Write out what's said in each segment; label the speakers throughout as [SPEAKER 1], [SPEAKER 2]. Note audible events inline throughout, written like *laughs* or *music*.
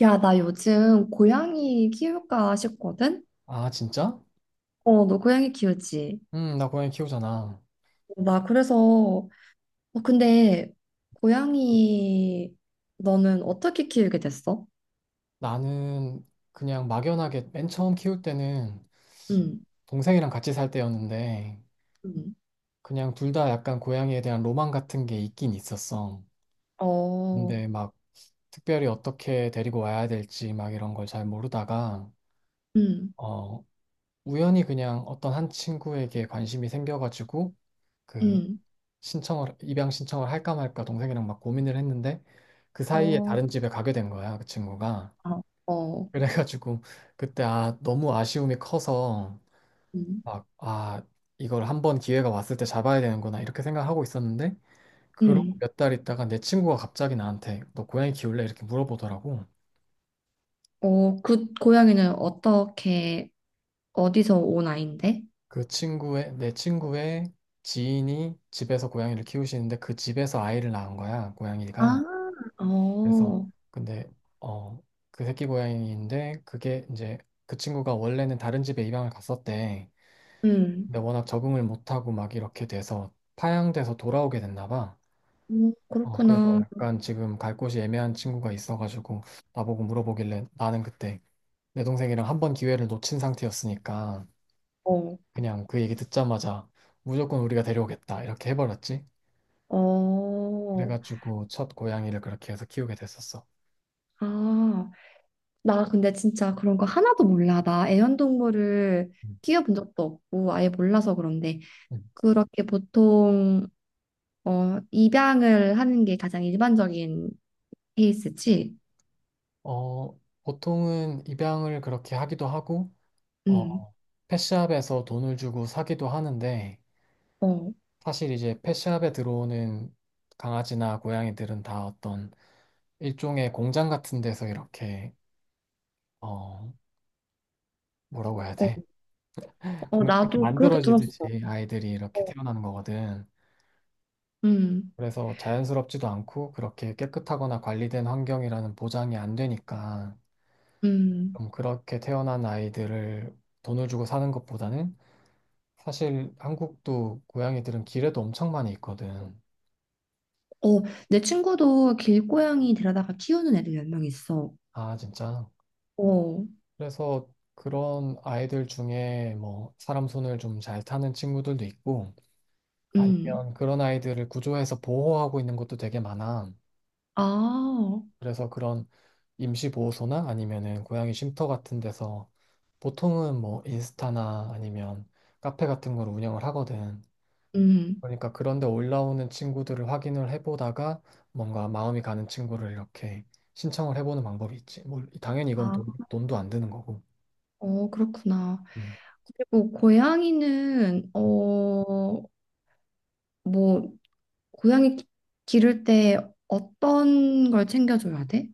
[SPEAKER 1] 야, 나 요즘 고양이 키울까 싶거든?
[SPEAKER 2] 아, 진짜?
[SPEAKER 1] 어, 너 고양이 키우지?
[SPEAKER 2] 나 고양이 키우잖아.
[SPEAKER 1] 어, 나 그래서, 어, 근데 고양이 너는 어떻게 키우게 됐어?
[SPEAKER 2] 나는 그냥 막연하게 맨 처음 키울 때는
[SPEAKER 1] 응,
[SPEAKER 2] 동생이랑 같이 살 때였는데
[SPEAKER 1] 응,
[SPEAKER 2] 그냥 둘 다 약간 고양이에 대한 로망 같은 게 있긴 있었어.
[SPEAKER 1] 어,
[SPEAKER 2] 근데 막 특별히 어떻게 데리고 와야 될지 막 이런 걸 잘 모르다가
[SPEAKER 1] 응,
[SPEAKER 2] 어, 우연히 그냥 어떤 한 친구에게 관심이 생겨가지고 그
[SPEAKER 1] 응,
[SPEAKER 2] 신청을 입양 신청을 할까 말까 동생이랑 막 고민을 했는데 그 사이에
[SPEAKER 1] 어,
[SPEAKER 2] 다른 집에 가게 된 거야, 그 친구가.
[SPEAKER 1] 어, 어,
[SPEAKER 2] 그래가지고 그때 아 너무 아쉬움이 커서
[SPEAKER 1] 응,
[SPEAKER 2] 막 아 이걸 한번 기회가 왔을 때 잡아야 되는구나 이렇게 생각하고 있었는데 그러고
[SPEAKER 1] 응.
[SPEAKER 2] 몇 달 있다가 내 친구가 갑자기 나한테 너 고양이 키울래? 이렇게 물어보더라고.
[SPEAKER 1] 어, 그 고양이는 어떻게, 어디서 온 아인데?
[SPEAKER 2] 그 친구의 내 친구의 지인이 집에서 고양이를 키우시는데 그 집에서 아이를 낳은 거야
[SPEAKER 1] 아,
[SPEAKER 2] 고양이가. 그래서
[SPEAKER 1] 어,
[SPEAKER 2] 근데 어 그 새끼 고양이인데 그게 이제 그 친구가 원래는 다른 집에 입양을 갔었대.
[SPEAKER 1] 응,
[SPEAKER 2] 근데 워낙 적응을 못하고 막 이렇게 돼서 파양돼서 돌아오게 됐나 봐. 어, 그래서
[SPEAKER 1] 그렇구나.
[SPEAKER 2] 약간 지금 갈 곳이 애매한 친구가 있어가지고 나보고 물어보길래 나는 그때 내 동생이랑 한 번 기회를 놓친 상태였으니까
[SPEAKER 1] 어,
[SPEAKER 2] 그냥 그 얘기 듣자마자 무조건 우리가 데려오겠다 이렇게 해버렸지.
[SPEAKER 1] 어,
[SPEAKER 2] 그래가지고 첫 고양이를 그렇게 해서 키우게 됐었어.
[SPEAKER 1] 아. 나 근데 진짜 그런 거 하나도 몰라. 나 애완동물을
[SPEAKER 2] 음,
[SPEAKER 1] 키워본 적도 없고 아예 몰라서 그런데
[SPEAKER 2] 음.
[SPEAKER 1] 그렇게 보통 어 입양을 하는 게 가장 일반적인 케이스지.
[SPEAKER 2] 어, 보통은 입양을 그렇게 하기도 하고
[SPEAKER 1] 응.
[SPEAKER 2] 어, 펫샵에서 돈을 주고 사기도 하는데
[SPEAKER 1] 어.
[SPEAKER 2] 사실 이제 펫샵에 들어오는 강아지나 고양이들은 다 어떤 일종의 공장 같은 데서 이렇게 어 뭐라고 해야
[SPEAKER 1] 어.
[SPEAKER 2] 돼? *laughs*
[SPEAKER 1] 어
[SPEAKER 2] 공장에서
[SPEAKER 1] 나도 그렇게 들었어.
[SPEAKER 2] 만들어지듯이 아이들이
[SPEAKER 1] 어.
[SPEAKER 2] 이렇게 태어나는 거거든.
[SPEAKER 1] 음.
[SPEAKER 2] 그래서 자연스럽지도 않고 그렇게 깨끗하거나 관리된 환경이라는 보장이 안 되니까
[SPEAKER 1] 음.
[SPEAKER 2] 좀 그렇게 태어난 아이들을 돈을 주고 사는 것보다는 사실 한국도 고양이들은 길에도 엄청 많이 있거든.
[SPEAKER 1] 어, 내 친구도 길고양이 데려다가 키우는 애들 몇 명 있어.
[SPEAKER 2] 아 진짜.
[SPEAKER 1] 어.
[SPEAKER 2] 그래서 그런 아이들 중에 뭐 사람 손을 좀 잘 타는 친구들도 있고
[SPEAKER 1] 음.
[SPEAKER 2] 아니면 그런 아이들을 구조해서 보호하고 있는 것도 되게 많아.
[SPEAKER 1] 아.
[SPEAKER 2] 그래서 그런 임시보호소나 아니면은 고양이 쉼터 같은 데서 보통은 뭐 인스타나 아니면 카페 같은 걸 운영을 하거든.
[SPEAKER 1] 음.
[SPEAKER 2] 그러니까 그런데 올라오는 친구들을 확인을 해보다가 뭔가 마음이 가는 친구를 이렇게 신청을 해보는 방법이 있지. 뭐 당연히 이건
[SPEAKER 1] 아.
[SPEAKER 2] 돈도 안 드는 거고.
[SPEAKER 1] 어, 그렇구나.
[SPEAKER 2] 음.
[SPEAKER 1] 그리고 고양이는 어 뭐 고양이 기를 때 어떤 걸 챙겨줘야 돼?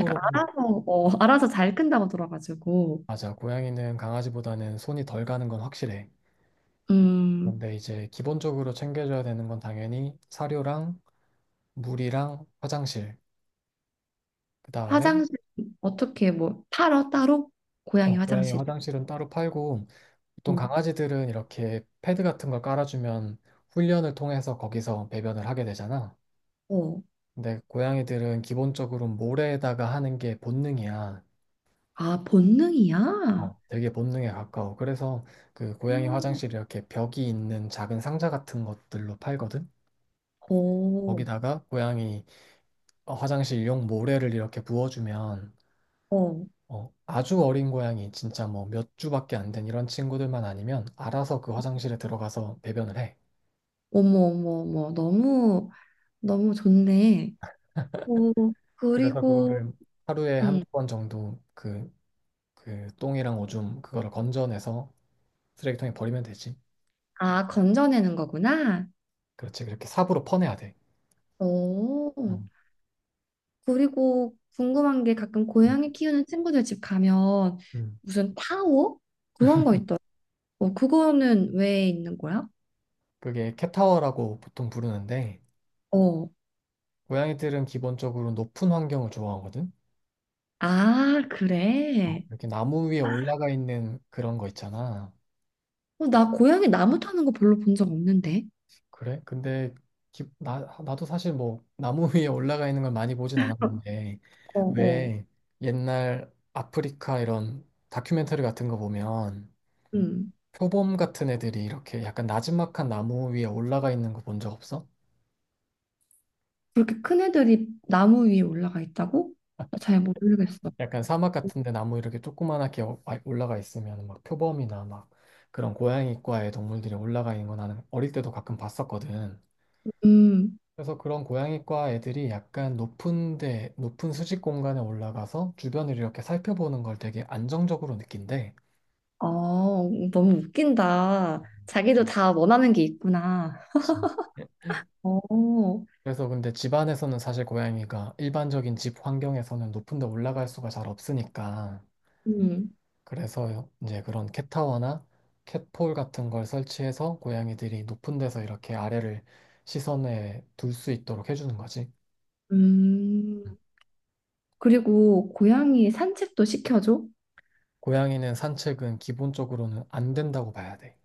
[SPEAKER 1] 약간 알아서 어, *laughs* 알아서 잘 큰다고 들어가지고
[SPEAKER 2] 맞아. 고양이는 강아지보다는 손이 덜 가는 건 확실해.
[SPEAKER 1] 음
[SPEAKER 2] 그런데 이제 기본적으로 챙겨줘야 되는 건 당연히 사료랑 물이랑 화장실. 그 다음에
[SPEAKER 1] 화장실 어떻게 뭐 팔어 따로 고양이
[SPEAKER 2] 어, 고양이
[SPEAKER 1] 화장실
[SPEAKER 2] 화장실은 따로 팔고 보통
[SPEAKER 1] 어,
[SPEAKER 2] 강아지들은 이렇게 패드 같은 걸 깔아주면 훈련을 통해서 거기서 배변을 하게 되잖아.
[SPEAKER 1] 어.
[SPEAKER 2] 근데 고양이들은 기본적으로 모래에다가 하는 게 본능이야.
[SPEAKER 1] 아 본능이야?
[SPEAKER 2] 어, 되게 본능에 가까워. 그래서 그 고양이
[SPEAKER 1] 음.
[SPEAKER 2] 화장실 이렇게 벽이 있는 작은 상자 같은 것들로 팔거든.
[SPEAKER 1] 어,
[SPEAKER 2] 거기다가 고양이 화장실용 모래를 이렇게 부어주면
[SPEAKER 1] 어.
[SPEAKER 2] 아주 어린 고양이 진짜 뭐 몇 주밖에 안 된 이런 친구들만 아니면 알아서 그 화장실에 들어가서 배변을 해.
[SPEAKER 1] 어머 어머 어머 너무 너무 좋네. 오
[SPEAKER 2] 그래서
[SPEAKER 1] 그리고
[SPEAKER 2] 그거를 하루에
[SPEAKER 1] 음
[SPEAKER 2] 한두 번 정도 그, 똥이랑 오줌 그거를 건져내서 쓰레기통에 버리면 되지.
[SPEAKER 1] 아 건져내는 거구나.
[SPEAKER 2] 그렇지. 그렇게 삽으로 퍼내야 돼.
[SPEAKER 1] 오
[SPEAKER 2] 음,
[SPEAKER 1] 그리고 궁금한 게 가끔
[SPEAKER 2] 음,
[SPEAKER 1] 고양이 키우는 친구들 집 가면
[SPEAKER 2] 음.
[SPEAKER 1] 무슨 타워? 그런 거 있더라고. 어, 그거는 왜 있는 거야?
[SPEAKER 2] 그게 캣타워라고 보통 부르는데
[SPEAKER 1] 어.
[SPEAKER 2] 고양이들은 기본적으로 높은 환경을 좋아하거든.
[SPEAKER 1] 아,
[SPEAKER 2] 어,
[SPEAKER 1] 그래.
[SPEAKER 2] 이렇게 나무 위에 올라가 있는 그런 거 있잖아.
[SPEAKER 1] 어, 나 고양이 나무 타는 거 별로 본 적 없는데.
[SPEAKER 2] 그래? 근데 기- 나, 나도 사실 뭐 나무 위에 올라가 있는 걸 많이 보진 않았는데
[SPEAKER 1] 어, 어.
[SPEAKER 2] 왜 옛날 아프리카 이런 다큐멘터리 같은 거 보면
[SPEAKER 1] 음.
[SPEAKER 2] 표범 같은 애들이 이렇게 약간 나지막한 나무 위에 올라가 있는 거 본 적 없어?
[SPEAKER 1] 그렇게 큰 애들이 나무 위에 올라가 있다고? 나 잘 모르겠어.
[SPEAKER 2] 약간 사막 같은데 나무 이렇게 조그만하게 올라가 있으면 막 표범이나 막 그런 고양이과의 동물들이 올라가 있는 거 나는 어릴 때도 가끔 봤었거든.
[SPEAKER 1] 음.
[SPEAKER 2] 그래서 그런 고양이과 애들이 약간 높은 수직 공간에 올라가서 주변을 이렇게 살펴보는 걸 되게 안정적으로 느낀대.
[SPEAKER 1] 아, 너무 웃긴다. 자기도 다 원하는 게 있구나.
[SPEAKER 2] 그치. 예.
[SPEAKER 1] 어.
[SPEAKER 2] 그래서 근데 집안에서는 사실 고양이가 일반적인 집 환경에서는 높은 데 올라갈 수가 잘 없으니까.
[SPEAKER 1] 음.
[SPEAKER 2] 그래서 이제 그런 캣타워나 캣폴 같은 걸 설치해서 고양이들이 높은 데서 이렇게 아래를 시선에 둘 수 있도록 해주는 거지.
[SPEAKER 1] 음.
[SPEAKER 2] 음,
[SPEAKER 1] 그리고 고양이 산책도 시켜줘?
[SPEAKER 2] 고양이는 산책은 기본적으로는 안 된다고 봐야 돼.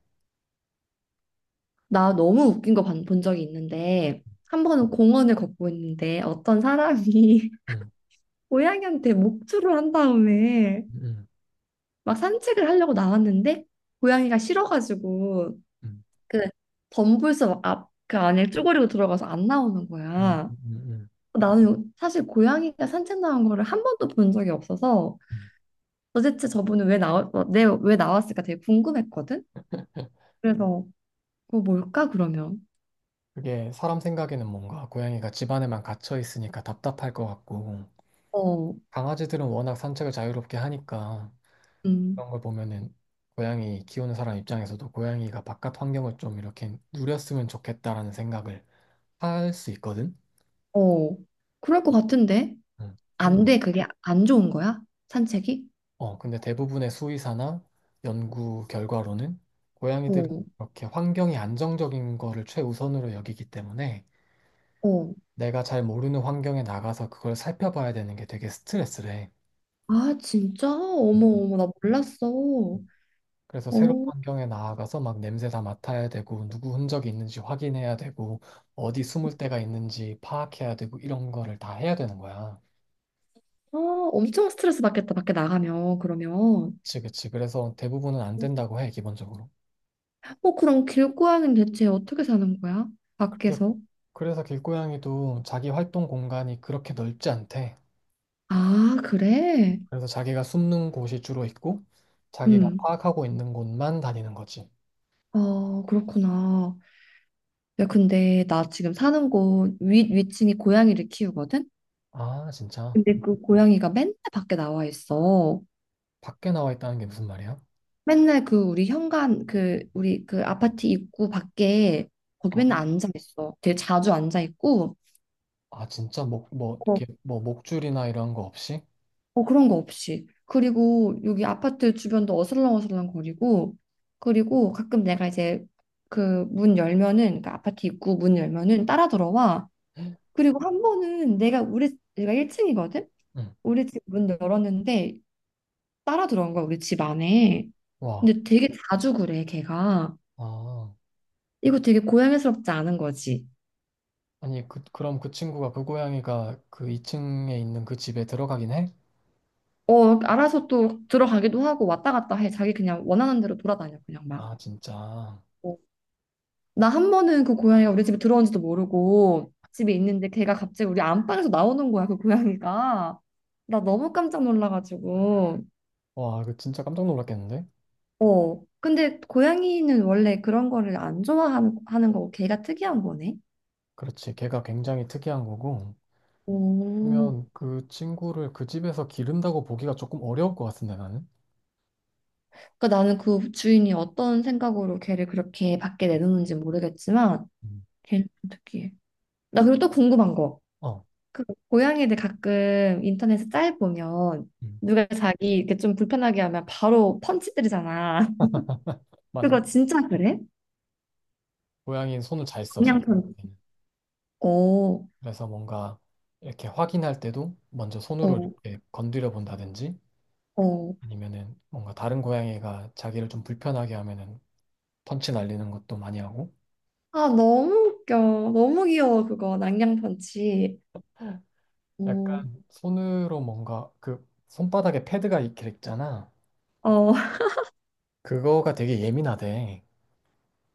[SPEAKER 1] 나 너무 웃긴 거 본 적이 있는데 한 번은 공원을 걷고 있는데 어떤 사람이 *laughs*
[SPEAKER 2] 음,
[SPEAKER 1] 고양이한테 목줄을 한 다음에
[SPEAKER 2] 음.
[SPEAKER 1] 막 산책을 하려고 나왔는데 고양이가 싫어가지고
[SPEAKER 2] 음.
[SPEAKER 1] 그 덤불섬 앞그 안에 쭈그리고 들어가서 안 나오는
[SPEAKER 2] 음,
[SPEAKER 1] 거야.
[SPEAKER 2] 음, 음,
[SPEAKER 1] 나는 사실 고양이가 산책 나온 거를 한 번도 본 적이 없어서
[SPEAKER 2] 음.
[SPEAKER 1] 도대체 저분은 왜 나왔을까 되게 궁금했거든. 그래서 그거 뭘까 그러면?
[SPEAKER 2] 그게 사람 생각에는 뭔가 고양이가 집 안에만 갇혀 있으니까 답답할 것 같고
[SPEAKER 1] 어,
[SPEAKER 2] 강아지들은 워낙 산책을 자유롭게 하니까
[SPEAKER 1] 음,
[SPEAKER 2] 그런 걸 보면은 고양이 키우는 사람 입장에서도 고양이가 바깥 환경을 좀 이렇게 누렸으면 좋겠다라는 생각을 할 수 있거든.
[SPEAKER 1] 어, 그럴 것 같은데?
[SPEAKER 2] 음,
[SPEAKER 1] 안
[SPEAKER 2] 근데
[SPEAKER 1] 돼, 그게 안 좋은 거야? 산책이?
[SPEAKER 2] 근데 대부분의 수의사나 연구 결과로는 고양이들은
[SPEAKER 1] 어,
[SPEAKER 2] 이렇게 환경이 안정적인 거를 최우선으로 여기기 때문에
[SPEAKER 1] 어.
[SPEAKER 2] 내가 잘 모르는 환경에 나가서 그걸 살펴봐야 되는 게 되게 스트레스래.
[SPEAKER 1] 아, 진짜? 어머,
[SPEAKER 2] 음.
[SPEAKER 1] 어머, 나 몰랐어. 어,
[SPEAKER 2] 그래서 새로운 환경에 나아가서 막 냄새 다 맡아야 되고, 누구 흔적이 있는지 확인해야 되고, 어디 숨을 데가 있는지 파악해야 되고, 이런 거를 다 해야 되는 거야.
[SPEAKER 1] 아, 엄청 스트레스 받겠다, 밖에 나가면, 그러면.
[SPEAKER 2] 그치, 그치. 그래서 대부분은 안 된다고 해, 기본적으로.
[SPEAKER 1] 어, 그럼 길고양이는 대체 어떻게 사는 거야?
[SPEAKER 2] 그래서,
[SPEAKER 1] 밖에서?
[SPEAKER 2] 그래서 길고양이도 자기 활동 공간이 그렇게 넓지 않대.
[SPEAKER 1] 아, 그래?
[SPEAKER 2] 그래서 자기가 숨는 곳이 주로 있고, 자기가
[SPEAKER 1] 음,
[SPEAKER 2] 파악하고 있는 곳만 다니는 거지.
[SPEAKER 1] 아, 그렇구나. 야, 근데 나 지금 사는 곳 위층이 고양이를 키우거든?
[SPEAKER 2] 아, 진짜.
[SPEAKER 1] 근데 그 고양이가 맨날 밖에 나와 있어.
[SPEAKER 2] 밖에 나와 있다는 게 무슨 말이야?
[SPEAKER 1] 맨날 그 우리 현관 그 우리 그 아파트 입구 밖에 거기 맨날
[SPEAKER 2] 아,
[SPEAKER 1] 앉아 있어. 되게 자주 앉아 있고
[SPEAKER 2] 아, 진짜 목, 뭐,
[SPEAKER 1] 어,
[SPEAKER 2] 이렇게, 뭐, 목줄이나 이런 거 없이?
[SPEAKER 1] 어 그런 거 없이. 그리고 여기 아파트 주변도 어슬렁어슬렁 거리고 그리고 가끔 내가 이제 그 문 열면은 그 아파트 입구 문 열면은 따라 들어와.
[SPEAKER 2] 응.
[SPEAKER 1] 그리고 한 번은 내가 1층이거든. 우리 집 문 열었는데 따라 들어온 거야 우리 집 안에.
[SPEAKER 2] 와.
[SPEAKER 1] 근데 되게 자주 그래 걔가.
[SPEAKER 2] 아.
[SPEAKER 1] 이거 되게 고양이스럽지 않은 거지.
[SPEAKER 2] 아니, 그럼 그 고양이가 그 2층에 있는 그 집에 들어가긴 해?
[SPEAKER 1] 어, 알아서 또 들어가기도 하고 왔다 갔다 해. 자기 그냥 원하는 대로 돌아다녀, 그냥 막.
[SPEAKER 2] 아, 진짜.
[SPEAKER 1] 나 한 번은 그 고양이가 우리 집에 들어온지도 모르고 집에 있는데 걔가 갑자기 우리 안방에서 나오는 거야, 그 고양이가. 나 너무 깜짝 놀라가지고.
[SPEAKER 2] 와, 그 진짜 깜짝 놀랐겠는데?
[SPEAKER 1] 어. 근데 고양이는 원래 그런 거를 안 좋아하는 하는 거고 걔가 특이한 거네.
[SPEAKER 2] 그렇지. 걔가 굉장히 특이한 거고.
[SPEAKER 1] 오.
[SPEAKER 2] 그러면 그 친구를 그 집에서 기른다고 보기가 조금 어려울 것 같은데, 나는?
[SPEAKER 1] 그러니까 나는 그 주인이 어떤 생각으로 걔를 그렇게 밖에 내놓는지 모르겠지만
[SPEAKER 2] 음,
[SPEAKER 1] 걔는 좀 특이해. 나 그리고 또 궁금한 거.
[SPEAKER 2] 어,
[SPEAKER 1] 그 고양이들 가끔 인터넷에 짤 보면
[SPEAKER 2] 음,
[SPEAKER 1] 누가 자기 이렇게 좀 불편하게 하면 바로 펀치 때리잖아. *laughs*
[SPEAKER 2] 맞아.
[SPEAKER 1] 그거 진짜 그래?
[SPEAKER 2] 고양이는 손을 잘 써, 잘
[SPEAKER 1] 그냥
[SPEAKER 2] 써.
[SPEAKER 1] 펀치.
[SPEAKER 2] 얘는.
[SPEAKER 1] 오,
[SPEAKER 2] 그래서 뭔가 이렇게 확인할 때도 먼저 손으로
[SPEAKER 1] 오,
[SPEAKER 2] 이렇게 건드려 본다든지
[SPEAKER 1] 오.
[SPEAKER 2] 아니면은 뭔가 다른 고양이가 자기를 좀 불편하게 하면은 펀치 날리는 것도 많이 하고
[SPEAKER 1] 아, 너무 웃겨. 너무 귀여워, 그거. 낭냥 펀치. 오,
[SPEAKER 2] 약간 손으로 뭔가 그 손바닥에 패드가 이렇게 있잖아
[SPEAKER 1] 어, *laughs*
[SPEAKER 2] 그거가 되게 예민하대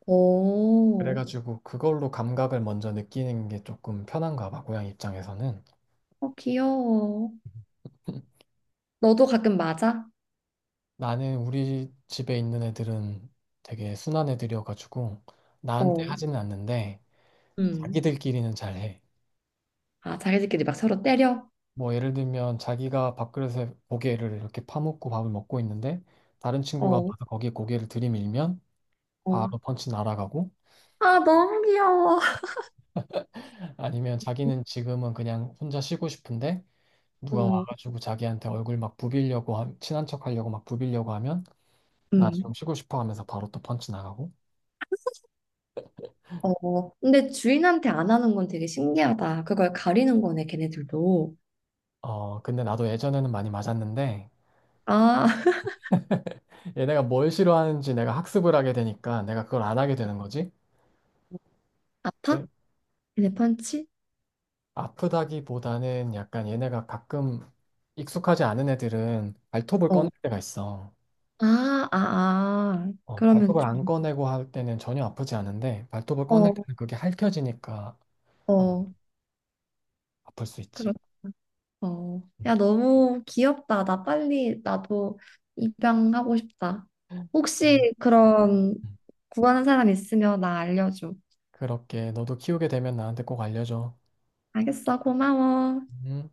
[SPEAKER 1] 오.
[SPEAKER 2] 그래가지고 그걸로 감각을 먼저 느끼는 게 조금 편한가 봐 고양이 입장에서는.
[SPEAKER 1] 어, 귀여워.
[SPEAKER 2] *laughs*
[SPEAKER 1] 너도 가끔 맞아?
[SPEAKER 2] 나는 우리 집에 있는 애들은 되게 순한 애들이어가지고 나한테
[SPEAKER 1] 어,
[SPEAKER 2] 하지는 않는데
[SPEAKER 1] 음.
[SPEAKER 2] 자기들끼리는 잘해.
[SPEAKER 1] 아, 자기들끼리 막 서로 때려?
[SPEAKER 2] 뭐 예를 들면 자기가 밥그릇에 고개를 이렇게 파묻고 밥을 먹고 있는데 다른 친구가
[SPEAKER 1] 어,
[SPEAKER 2] 와서 거기에 고개를 들이밀면
[SPEAKER 1] 어.
[SPEAKER 2] 바로 펀치 날아가고
[SPEAKER 1] 아, 너무 귀여워. *laughs*
[SPEAKER 2] 아니면 자기는 지금은 그냥 혼자 쉬고 싶은데 누가
[SPEAKER 1] 어,
[SPEAKER 2] 와가지고 자기한테 얼굴 막 부비려고 친한 척 하려고 막 부비려고 하면 나
[SPEAKER 1] 음.
[SPEAKER 2] 지금 쉬고 싶어 하면서 바로 또 펀치 나가고.
[SPEAKER 1] 어, 근데 주인한테 안 하는 건 되게 신기하다. 그걸 가리는 거네, 걔네들도.
[SPEAKER 2] 어 근데 나도 예전에는 많이 맞았는데
[SPEAKER 1] 아, *laughs*
[SPEAKER 2] 얘네가 뭘 싫어하는지 내가 학습을 하게 되니까 내가 그걸 안 하게 되는 거지.
[SPEAKER 1] 아파? 걔네 펀치?
[SPEAKER 2] 아프다기보다는 약간 얘네가 가끔 익숙하지 않은 애들은 발톱을 꺼낼
[SPEAKER 1] 어.
[SPEAKER 2] 때가 있어.
[SPEAKER 1] 아, 아, 아.
[SPEAKER 2] 어,
[SPEAKER 1] 그러면
[SPEAKER 2] 발톱을 안
[SPEAKER 1] 좀,
[SPEAKER 2] 꺼내고 할 때는 전혀 아프지 않은데 발톱을 꺼낼
[SPEAKER 1] 어,
[SPEAKER 2] 때는 그게 핥혀지니까 아마
[SPEAKER 1] 어,
[SPEAKER 2] 아플 수
[SPEAKER 1] 그렇,
[SPEAKER 2] 있지.
[SPEAKER 1] 어.
[SPEAKER 2] 음.
[SPEAKER 1] 야, 너무 귀엽다. 나 빨리, 나도 입양하고 싶다. 혹시 그런
[SPEAKER 2] 음.
[SPEAKER 1] 구하는 사람 있으면 나 알려줘.
[SPEAKER 2] 그렇게 너도 키우게 되면 나한테 꼭 알려줘.
[SPEAKER 1] 알겠어, 고마워.
[SPEAKER 2] 음.